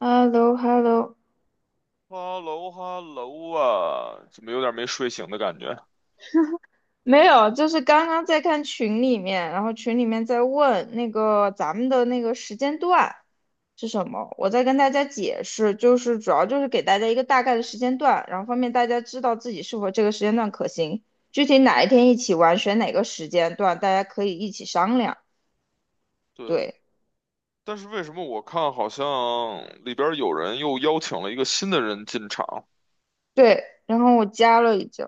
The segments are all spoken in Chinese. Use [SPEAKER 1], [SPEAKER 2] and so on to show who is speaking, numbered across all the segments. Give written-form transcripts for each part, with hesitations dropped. [SPEAKER 1] h e l l o h e l l o。
[SPEAKER 2] 哈喽哈喽啊，怎么有点没睡醒的感觉？
[SPEAKER 1] 没有，就是刚刚在看群里面，然后群里面在问那个咱们的那个时间段是什么，我在跟大家解释，就是主要就是给大家一个大概的时间段，然后方便大家知道自己是否这个时间段可行，具体哪一天一起玩，选哪个时间段，大家可以一起商量。
[SPEAKER 2] 对，
[SPEAKER 1] 对
[SPEAKER 2] 但是为什么我看好像里边有人又邀请了一个新的人进场？
[SPEAKER 1] 对，然后我加了已经。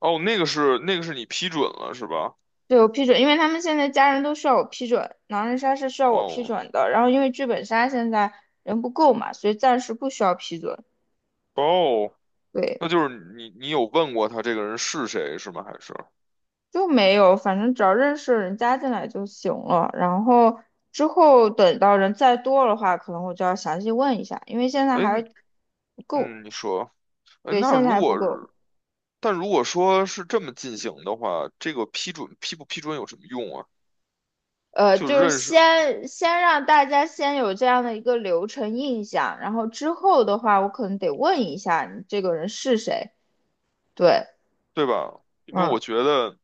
[SPEAKER 2] 哦，那个是你批准了是吧？
[SPEAKER 1] 对，我批准，因为他们现在家人都需要我批准，狼人杀是需要我批
[SPEAKER 2] 哦
[SPEAKER 1] 准的。然后因为剧本杀现在人不够嘛，所以暂时不需要批准。
[SPEAKER 2] 哦，
[SPEAKER 1] 对，
[SPEAKER 2] 那就是你有问过他这个人是谁是吗？还是？
[SPEAKER 1] 就没有，反正只要认识的人加进来就行了。然后之后等到人再多的话，可能我就要详细问一下，因为现在
[SPEAKER 2] 哎，
[SPEAKER 1] 还不够。
[SPEAKER 2] 嗯，你说，哎，
[SPEAKER 1] 对，
[SPEAKER 2] 那
[SPEAKER 1] 现在
[SPEAKER 2] 如
[SPEAKER 1] 还不
[SPEAKER 2] 果是
[SPEAKER 1] 够。
[SPEAKER 2] 但如果说是这么进行的话，这个批准批不批准有什么用啊？就
[SPEAKER 1] 就是
[SPEAKER 2] 认识，
[SPEAKER 1] 先让大家先有这样的一个流程印象，然后之后的话，我可能得问一下你这个人是谁。对。
[SPEAKER 2] 对吧？因为我
[SPEAKER 1] 嗯。
[SPEAKER 2] 觉得，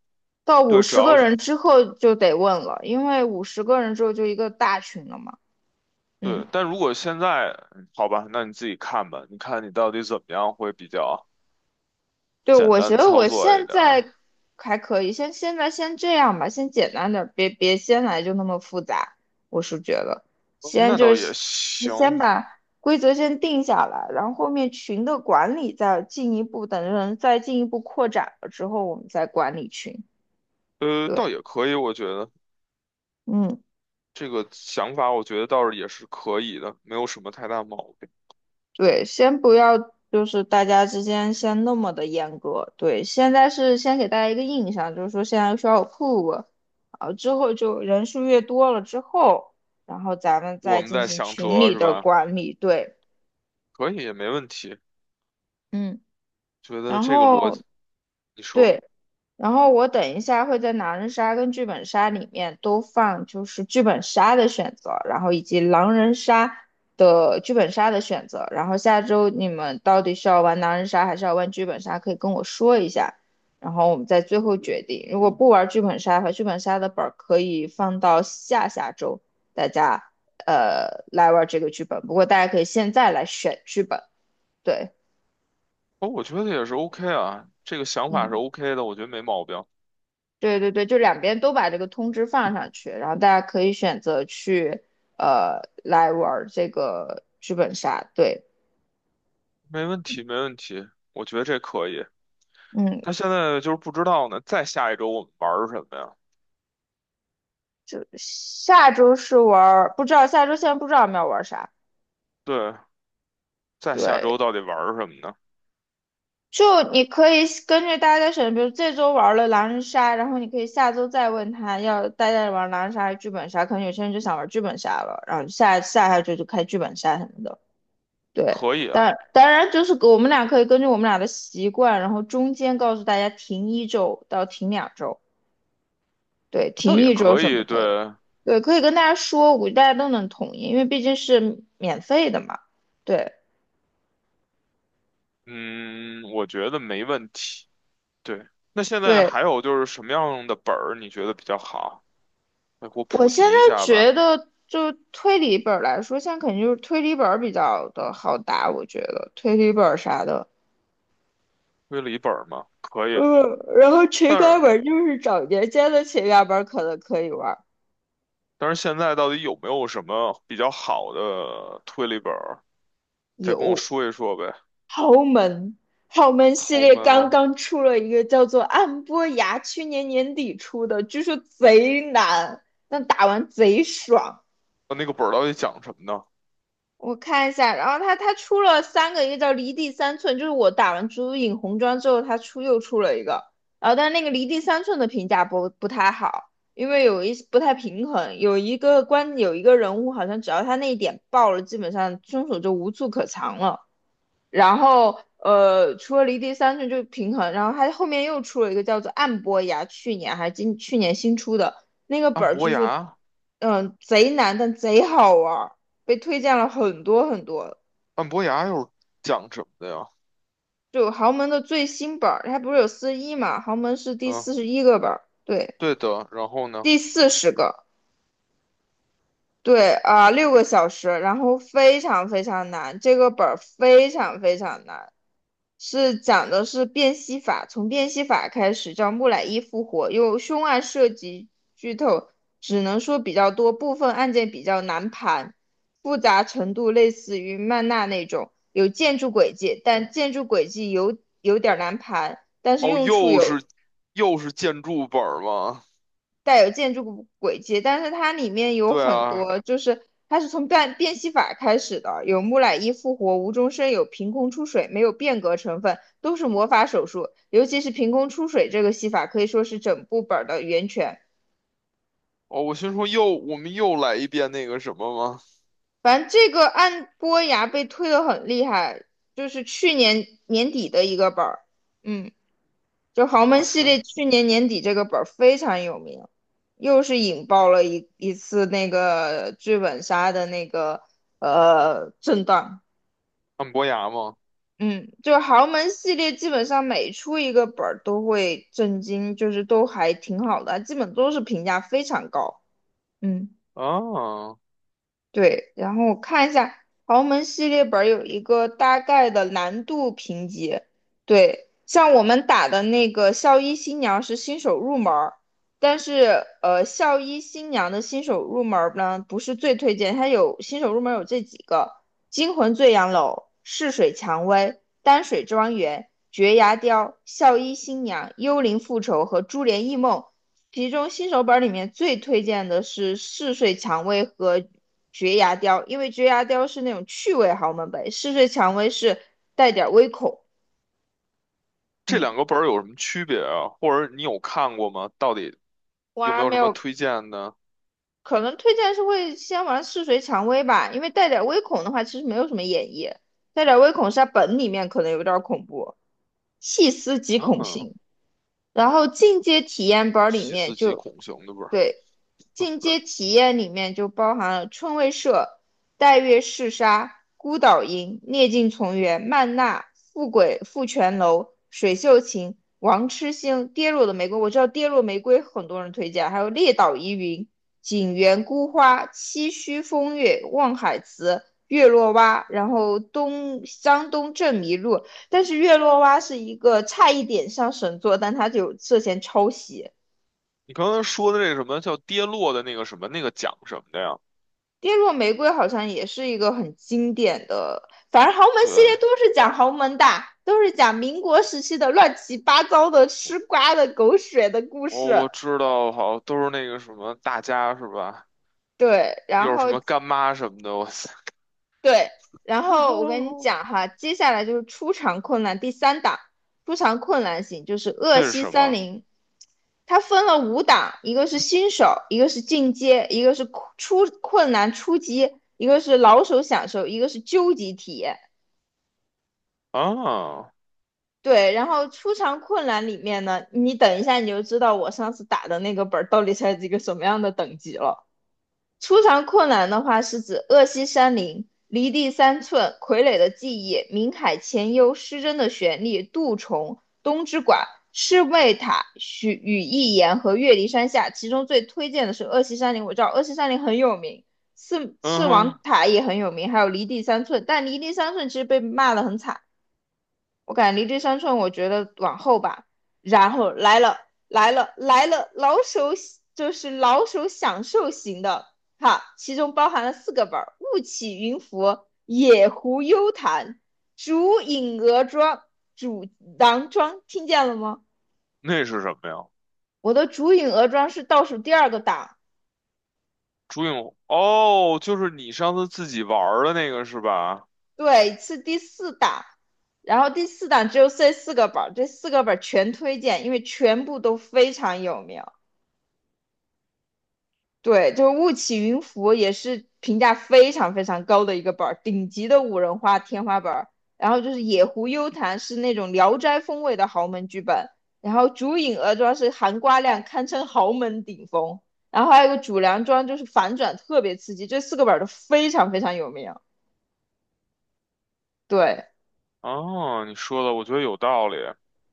[SPEAKER 1] 到五
[SPEAKER 2] 对，只
[SPEAKER 1] 十个
[SPEAKER 2] 要是。
[SPEAKER 1] 人之后就得问了，因为五十个人之后就一个大群了嘛。
[SPEAKER 2] 对，
[SPEAKER 1] 嗯，
[SPEAKER 2] 但如果现在，嗯好吧，那你自己看吧，你看你到底怎么样会比较
[SPEAKER 1] 对，
[SPEAKER 2] 简
[SPEAKER 1] 我觉
[SPEAKER 2] 单
[SPEAKER 1] 得
[SPEAKER 2] 操
[SPEAKER 1] 我
[SPEAKER 2] 作一
[SPEAKER 1] 现
[SPEAKER 2] 点儿。
[SPEAKER 1] 在还可以，先现在先这样吧，先简单点儿，别先来就那么复杂。我是觉得，
[SPEAKER 2] 嗯
[SPEAKER 1] 先
[SPEAKER 2] 那
[SPEAKER 1] 就
[SPEAKER 2] 倒也
[SPEAKER 1] 是
[SPEAKER 2] 行，
[SPEAKER 1] 先把规则先定下来，然后后面群的管理再进一步，等人再进一步扩展了之后，我们再管理群。对，
[SPEAKER 2] 倒也可以，我觉得
[SPEAKER 1] 嗯。
[SPEAKER 2] 这个想法，我觉得倒是也是可以的，没有什么太大毛病。
[SPEAKER 1] 对，先不要，就是大家之间先那么的严格。对，现在是先给大家一个印象，就是说现在需要有 p 啊，之后就人数越多了之后，然后咱们
[SPEAKER 2] 我
[SPEAKER 1] 再
[SPEAKER 2] 们
[SPEAKER 1] 进
[SPEAKER 2] 在
[SPEAKER 1] 行
[SPEAKER 2] 想
[SPEAKER 1] 群
[SPEAKER 2] 辙
[SPEAKER 1] 里
[SPEAKER 2] 是
[SPEAKER 1] 的
[SPEAKER 2] 吧？
[SPEAKER 1] 管理。对，
[SPEAKER 2] 可以，也没问题。
[SPEAKER 1] 嗯，
[SPEAKER 2] 觉得
[SPEAKER 1] 然
[SPEAKER 2] 这个逻辑，
[SPEAKER 1] 后
[SPEAKER 2] 你说，
[SPEAKER 1] 对，然后我等一下会在狼人杀跟剧本杀里面都放，就是剧本杀的选择，然后以及狼人杀的剧本杀的选择。然后下周你们到底是要玩狼人杀还是要玩剧本杀，可以跟我说一下，然后我们再最后决定。如果不玩剧本杀的话，剧本杀的本儿可以放到下下周，大家来玩这个剧本。不过大家可以现在来选剧本，对，
[SPEAKER 2] 哦，我觉得也是 OK 啊，这个想法是
[SPEAKER 1] 嗯。
[SPEAKER 2] OK 的，我觉得没毛病，
[SPEAKER 1] 对，对，对，就两边都把这个通知放上去，然后大家可以选择去来玩儿这个剧本杀。对，
[SPEAKER 2] 没问题，没问题，我觉得这可以。
[SPEAKER 1] 嗯，
[SPEAKER 2] 他现在就是不知道呢，再下一周我们玩儿什么呀？
[SPEAKER 1] 就下周是玩儿，不知道下周现在不知道我们要玩儿啥。
[SPEAKER 2] 对，在下
[SPEAKER 1] 对，
[SPEAKER 2] 周到底玩儿什么呢？
[SPEAKER 1] 就你可以根据大家的选，比如这周玩了狼人杀，然后你可以下周再问他要大家玩狼人杀还是剧本杀，可能有些人就想玩剧本杀了，然后下下下周就开剧本杀什么的。对，
[SPEAKER 2] 可以啊，
[SPEAKER 1] 当然就是给我们俩可以根据我们俩的习惯，然后中间告诉大家停一周到停两周，对，停
[SPEAKER 2] 倒也
[SPEAKER 1] 一周
[SPEAKER 2] 可
[SPEAKER 1] 什么
[SPEAKER 2] 以。对，
[SPEAKER 1] 的，对，可以跟大家说，我估计大家都能同意，因为毕竟是免费的嘛。对
[SPEAKER 2] 嗯，我觉得没问题。对，那现在
[SPEAKER 1] 对，
[SPEAKER 2] 还有就是什么样的本儿你觉得比较好？来给我
[SPEAKER 1] 我
[SPEAKER 2] 普
[SPEAKER 1] 现
[SPEAKER 2] 及
[SPEAKER 1] 在
[SPEAKER 2] 一下
[SPEAKER 1] 觉
[SPEAKER 2] 吧。
[SPEAKER 1] 得就推理本儿来说，现在肯定就是推理本儿比较的好打，我觉得推理本儿啥的，
[SPEAKER 2] 推理本儿吗？可以，
[SPEAKER 1] 嗯，然后情
[SPEAKER 2] 但
[SPEAKER 1] 感
[SPEAKER 2] 是
[SPEAKER 1] 本儿就是找年间的情感本儿可能可以玩儿，
[SPEAKER 2] 但是现在到底有没有什么比较好的推理本儿？再跟我
[SPEAKER 1] 有。
[SPEAKER 2] 说一说呗。
[SPEAKER 1] 豪门，豪门系
[SPEAKER 2] 豪
[SPEAKER 1] 列
[SPEAKER 2] 门
[SPEAKER 1] 刚
[SPEAKER 2] 啊，
[SPEAKER 1] 刚出了一个叫做《暗波崖》，去年年底出的，据说贼难，但打完贼爽。
[SPEAKER 2] 呃那个本儿到底讲什么呢？
[SPEAKER 1] 我看一下，然后他出了三个，一个叫《离地三寸》，就是我打完《朱影红妆》之后，他又出了一个，然后但是那个《离地三寸》的评价不太好，因为不太平衡，有一个人物好像只要他那一点爆了，基本上凶手就无处可藏了。然后除了离地三寸就平衡，然后它后面又出了一个叫做暗波崖，去年新出的那个
[SPEAKER 2] 按
[SPEAKER 1] 本儿，
[SPEAKER 2] 伯
[SPEAKER 1] 据说
[SPEAKER 2] 牙，
[SPEAKER 1] 贼难，但贼好玩儿，被推荐了很多很多。
[SPEAKER 2] 按伯牙又是讲什么的呀？
[SPEAKER 1] 就豪门的最新本儿，它不是有四十一嘛？豪门是第
[SPEAKER 2] 嗯，
[SPEAKER 1] 四十一个本儿，对，
[SPEAKER 2] 对的。然后呢？
[SPEAKER 1] 第40个。对啊，6个小时，然后非常非常难，这个本儿非常非常难，是讲的是辨析法，从辨析法开始叫木乃伊复活，有凶案涉及剧透，只能说比较多，部分案件比较难盘，复杂程度类似于曼纳那种，有建筑轨迹，但建筑轨迹有点儿难盘，但是
[SPEAKER 2] 哦，
[SPEAKER 1] 用处
[SPEAKER 2] 又
[SPEAKER 1] 有
[SPEAKER 2] 是又是建筑本儿吗？
[SPEAKER 1] 带有建筑古轨迹，但是它里面有
[SPEAKER 2] 对
[SPEAKER 1] 很
[SPEAKER 2] 啊，
[SPEAKER 1] 多，就是它是从变戏法开始的，有木乃伊复活、无中生有、凭空出水，没有变革成分，都是魔法手术。尤其是凭空出水这个戏法，可以说是整部本儿的源泉。
[SPEAKER 2] 哦，我心说又我们又来一遍那个什么吗？
[SPEAKER 1] 反正这个按波崖被推得很厉害，就是去年年底的一个本儿，嗯。就豪
[SPEAKER 2] 哇
[SPEAKER 1] 门系
[SPEAKER 2] 塞，
[SPEAKER 1] 列去年年底这个本儿非常有名，又是引爆了一次那个剧本杀的那个震荡。
[SPEAKER 2] 按伯牙吗？
[SPEAKER 1] 嗯，就是豪门系列基本上每出一个本儿都会震惊，就是都还挺好的，基本都是评价非常高。嗯。
[SPEAKER 2] 啊，
[SPEAKER 1] 对，然后我看一下豪门系列本儿有一个大概的难度评级。对，像我们打的那个校医新娘是新手入门儿，但是校医新娘的新手入门儿呢不是最推荐，它有新手入门儿有这几个：惊魂醉杨楼、逝水蔷薇、丹水庄园、绝崖雕、校医新娘、幽灵复仇和珠帘异梦。其中新手本儿里面最推荐的是《逝水蔷薇》和绝牙雕，因为绝牙雕是那种趣味豪门本，嗜睡蔷薇是带点微恐。
[SPEAKER 2] 这
[SPEAKER 1] 嗯，
[SPEAKER 2] 两个本儿有什么区别啊？或者你有看过吗？到底
[SPEAKER 1] 我
[SPEAKER 2] 有没
[SPEAKER 1] 还
[SPEAKER 2] 有
[SPEAKER 1] 没
[SPEAKER 2] 什么
[SPEAKER 1] 有，
[SPEAKER 2] 推荐的？
[SPEAKER 1] 可能推荐是会先玩嗜睡蔷薇吧，因为带点微恐的话，其实没有什么演绎，带点微恐是它本里面可能有点恐怖，细思极恐
[SPEAKER 2] 嗯，
[SPEAKER 1] 型。然后进阶体验本里
[SPEAKER 2] 细
[SPEAKER 1] 面
[SPEAKER 2] 思极
[SPEAKER 1] 就
[SPEAKER 2] 恐型的本儿。
[SPEAKER 1] 对，进阶体验里面就包含了春未社、带月嗜沙、孤岛营、涅镜从园、曼娜、富贵富泉楼、水秀琴、王痴星、跌落的玫瑰。我知道跌落玫瑰很多人推荐，还有列岛疑云、景园孤花、七须风月、望海词。月落蛙，然后东江东镇迷路，但是月落蛙是一个差一点上神作，但它就涉嫌抄袭。
[SPEAKER 2] 你刚才说的那什么叫跌落的那个什么那个奖什么的呀？
[SPEAKER 1] 跌落玫瑰好像也是一个很经典的，反正豪门系
[SPEAKER 2] 对，
[SPEAKER 1] 列都是讲豪门的，都是讲民国时期的乱七八糟的吃瓜的狗血的故
[SPEAKER 2] 我
[SPEAKER 1] 事。
[SPEAKER 2] 我知道，好，都是那个什么大家是吧？
[SPEAKER 1] 对，然
[SPEAKER 2] 又是
[SPEAKER 1] 后
[SPEAKER 2] 什么干妈什么的，哇塞，
[SPEAKER 1] 对，然后我跟你 讲哈，接下来就是出场困难第三档，出场困难型就是恶
[SPEAKER 2] 那是
[SPEAKER 1] 西
[SPEAKER 2] 什
[SPEAKER 1] 三
[SPEAKER 2] 么？
[SPEAKER 1] 零，它分了五档，一个是新手，一个是进阶，一个是出困难初级，一个是老手享受，一个是究极体验。
[SPEAKER 2] 啊，
[SPEAKER 1] 对，然后出场困难里面呢，你等一下你就知道我上次打的那个本儿到底是一个什么样的等级了。出场困难的话是指恶西山林、离地三寸、傀儡的记忆、冥海潜幽、失真的旋律、杜虫、东之馆、赤卫塔、许羽翼言和月离山下。其中最推荐的是恶西山林，我知道恶西山林很有名，四
[SPEAKER 2] 嗯
[SPEAKER 1] 四王
[SPEAKER 2] 哼，
[SPEAKER 1] 塔也很有名，还有离地三寸，但离地三寸其实被骂得很惨。我感觉离这三寸，我觉得往后吧。然后来了，来了，来了，老手就是老手享受型的哈，其中包含了四个本儿：雾起云浮、野狐幽潭、竹影鹅庄、主囊庄。听见了吗？
[SPEAKER 2] 那是什么呀？
[SPEAKER 1] 我的竹影鹅庄是倒数第二个档，
[SPEAKER 2] 朱影红，哦，就是你上次自己玩儿的那个是吧？
[SPEAKER 1] 对，是第四档。然后第四档只有这四个本儿，这四个本儿全推荐，因为全部都非常有名。对，就是《雾起云浮》也是评价非常非常高的一个本儿，顶级的五人花天花板儿。然后就是《野狐幽谈》是那种聊斋风味的豪门剧本，然后竹影鹅庄是含瓜量堪称豪门顶峰，然后还有一个主梁庄就是反转特别刺激，这四个本儿都非常非常有名。对，
[SPEAKER 2] 哦，你说的我觉得有道理。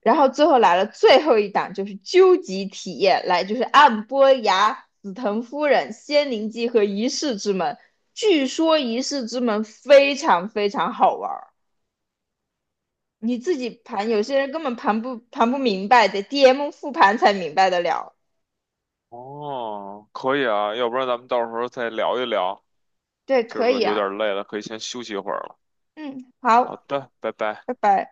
[SPEAKER 1] 然后最后来了最后一档，就是究极体验，来就是暗波崖、紫藤夫人、仙灵记和仪式之门。据说仪式之门非常非常好玩儿，你自己盘，有些人根本盘不明白，得 DM 复盘才明白得了。
[SPEAKER 2] 哦，可以啊，要不然咱们到时候再聊一聊。
[SPEAKER 1] 对，
[SPEAKER 2] 今儿
[SPEAKER 1] 可
[SPEAKER 2] 个
[SPEAKER 1] 以
[SPEAKER 2] 有
[SPEAKER 1] 啊，
[SPEAKER 2] 点累了，可以先休息一会儿了。
[SPEAKER 1] 嗯，
[SPEAKER 2] 好
[SPEAKER 1] 好，
[SPEAKER 2] 的，拜拜。
[SPEAKER 1] 拜拜。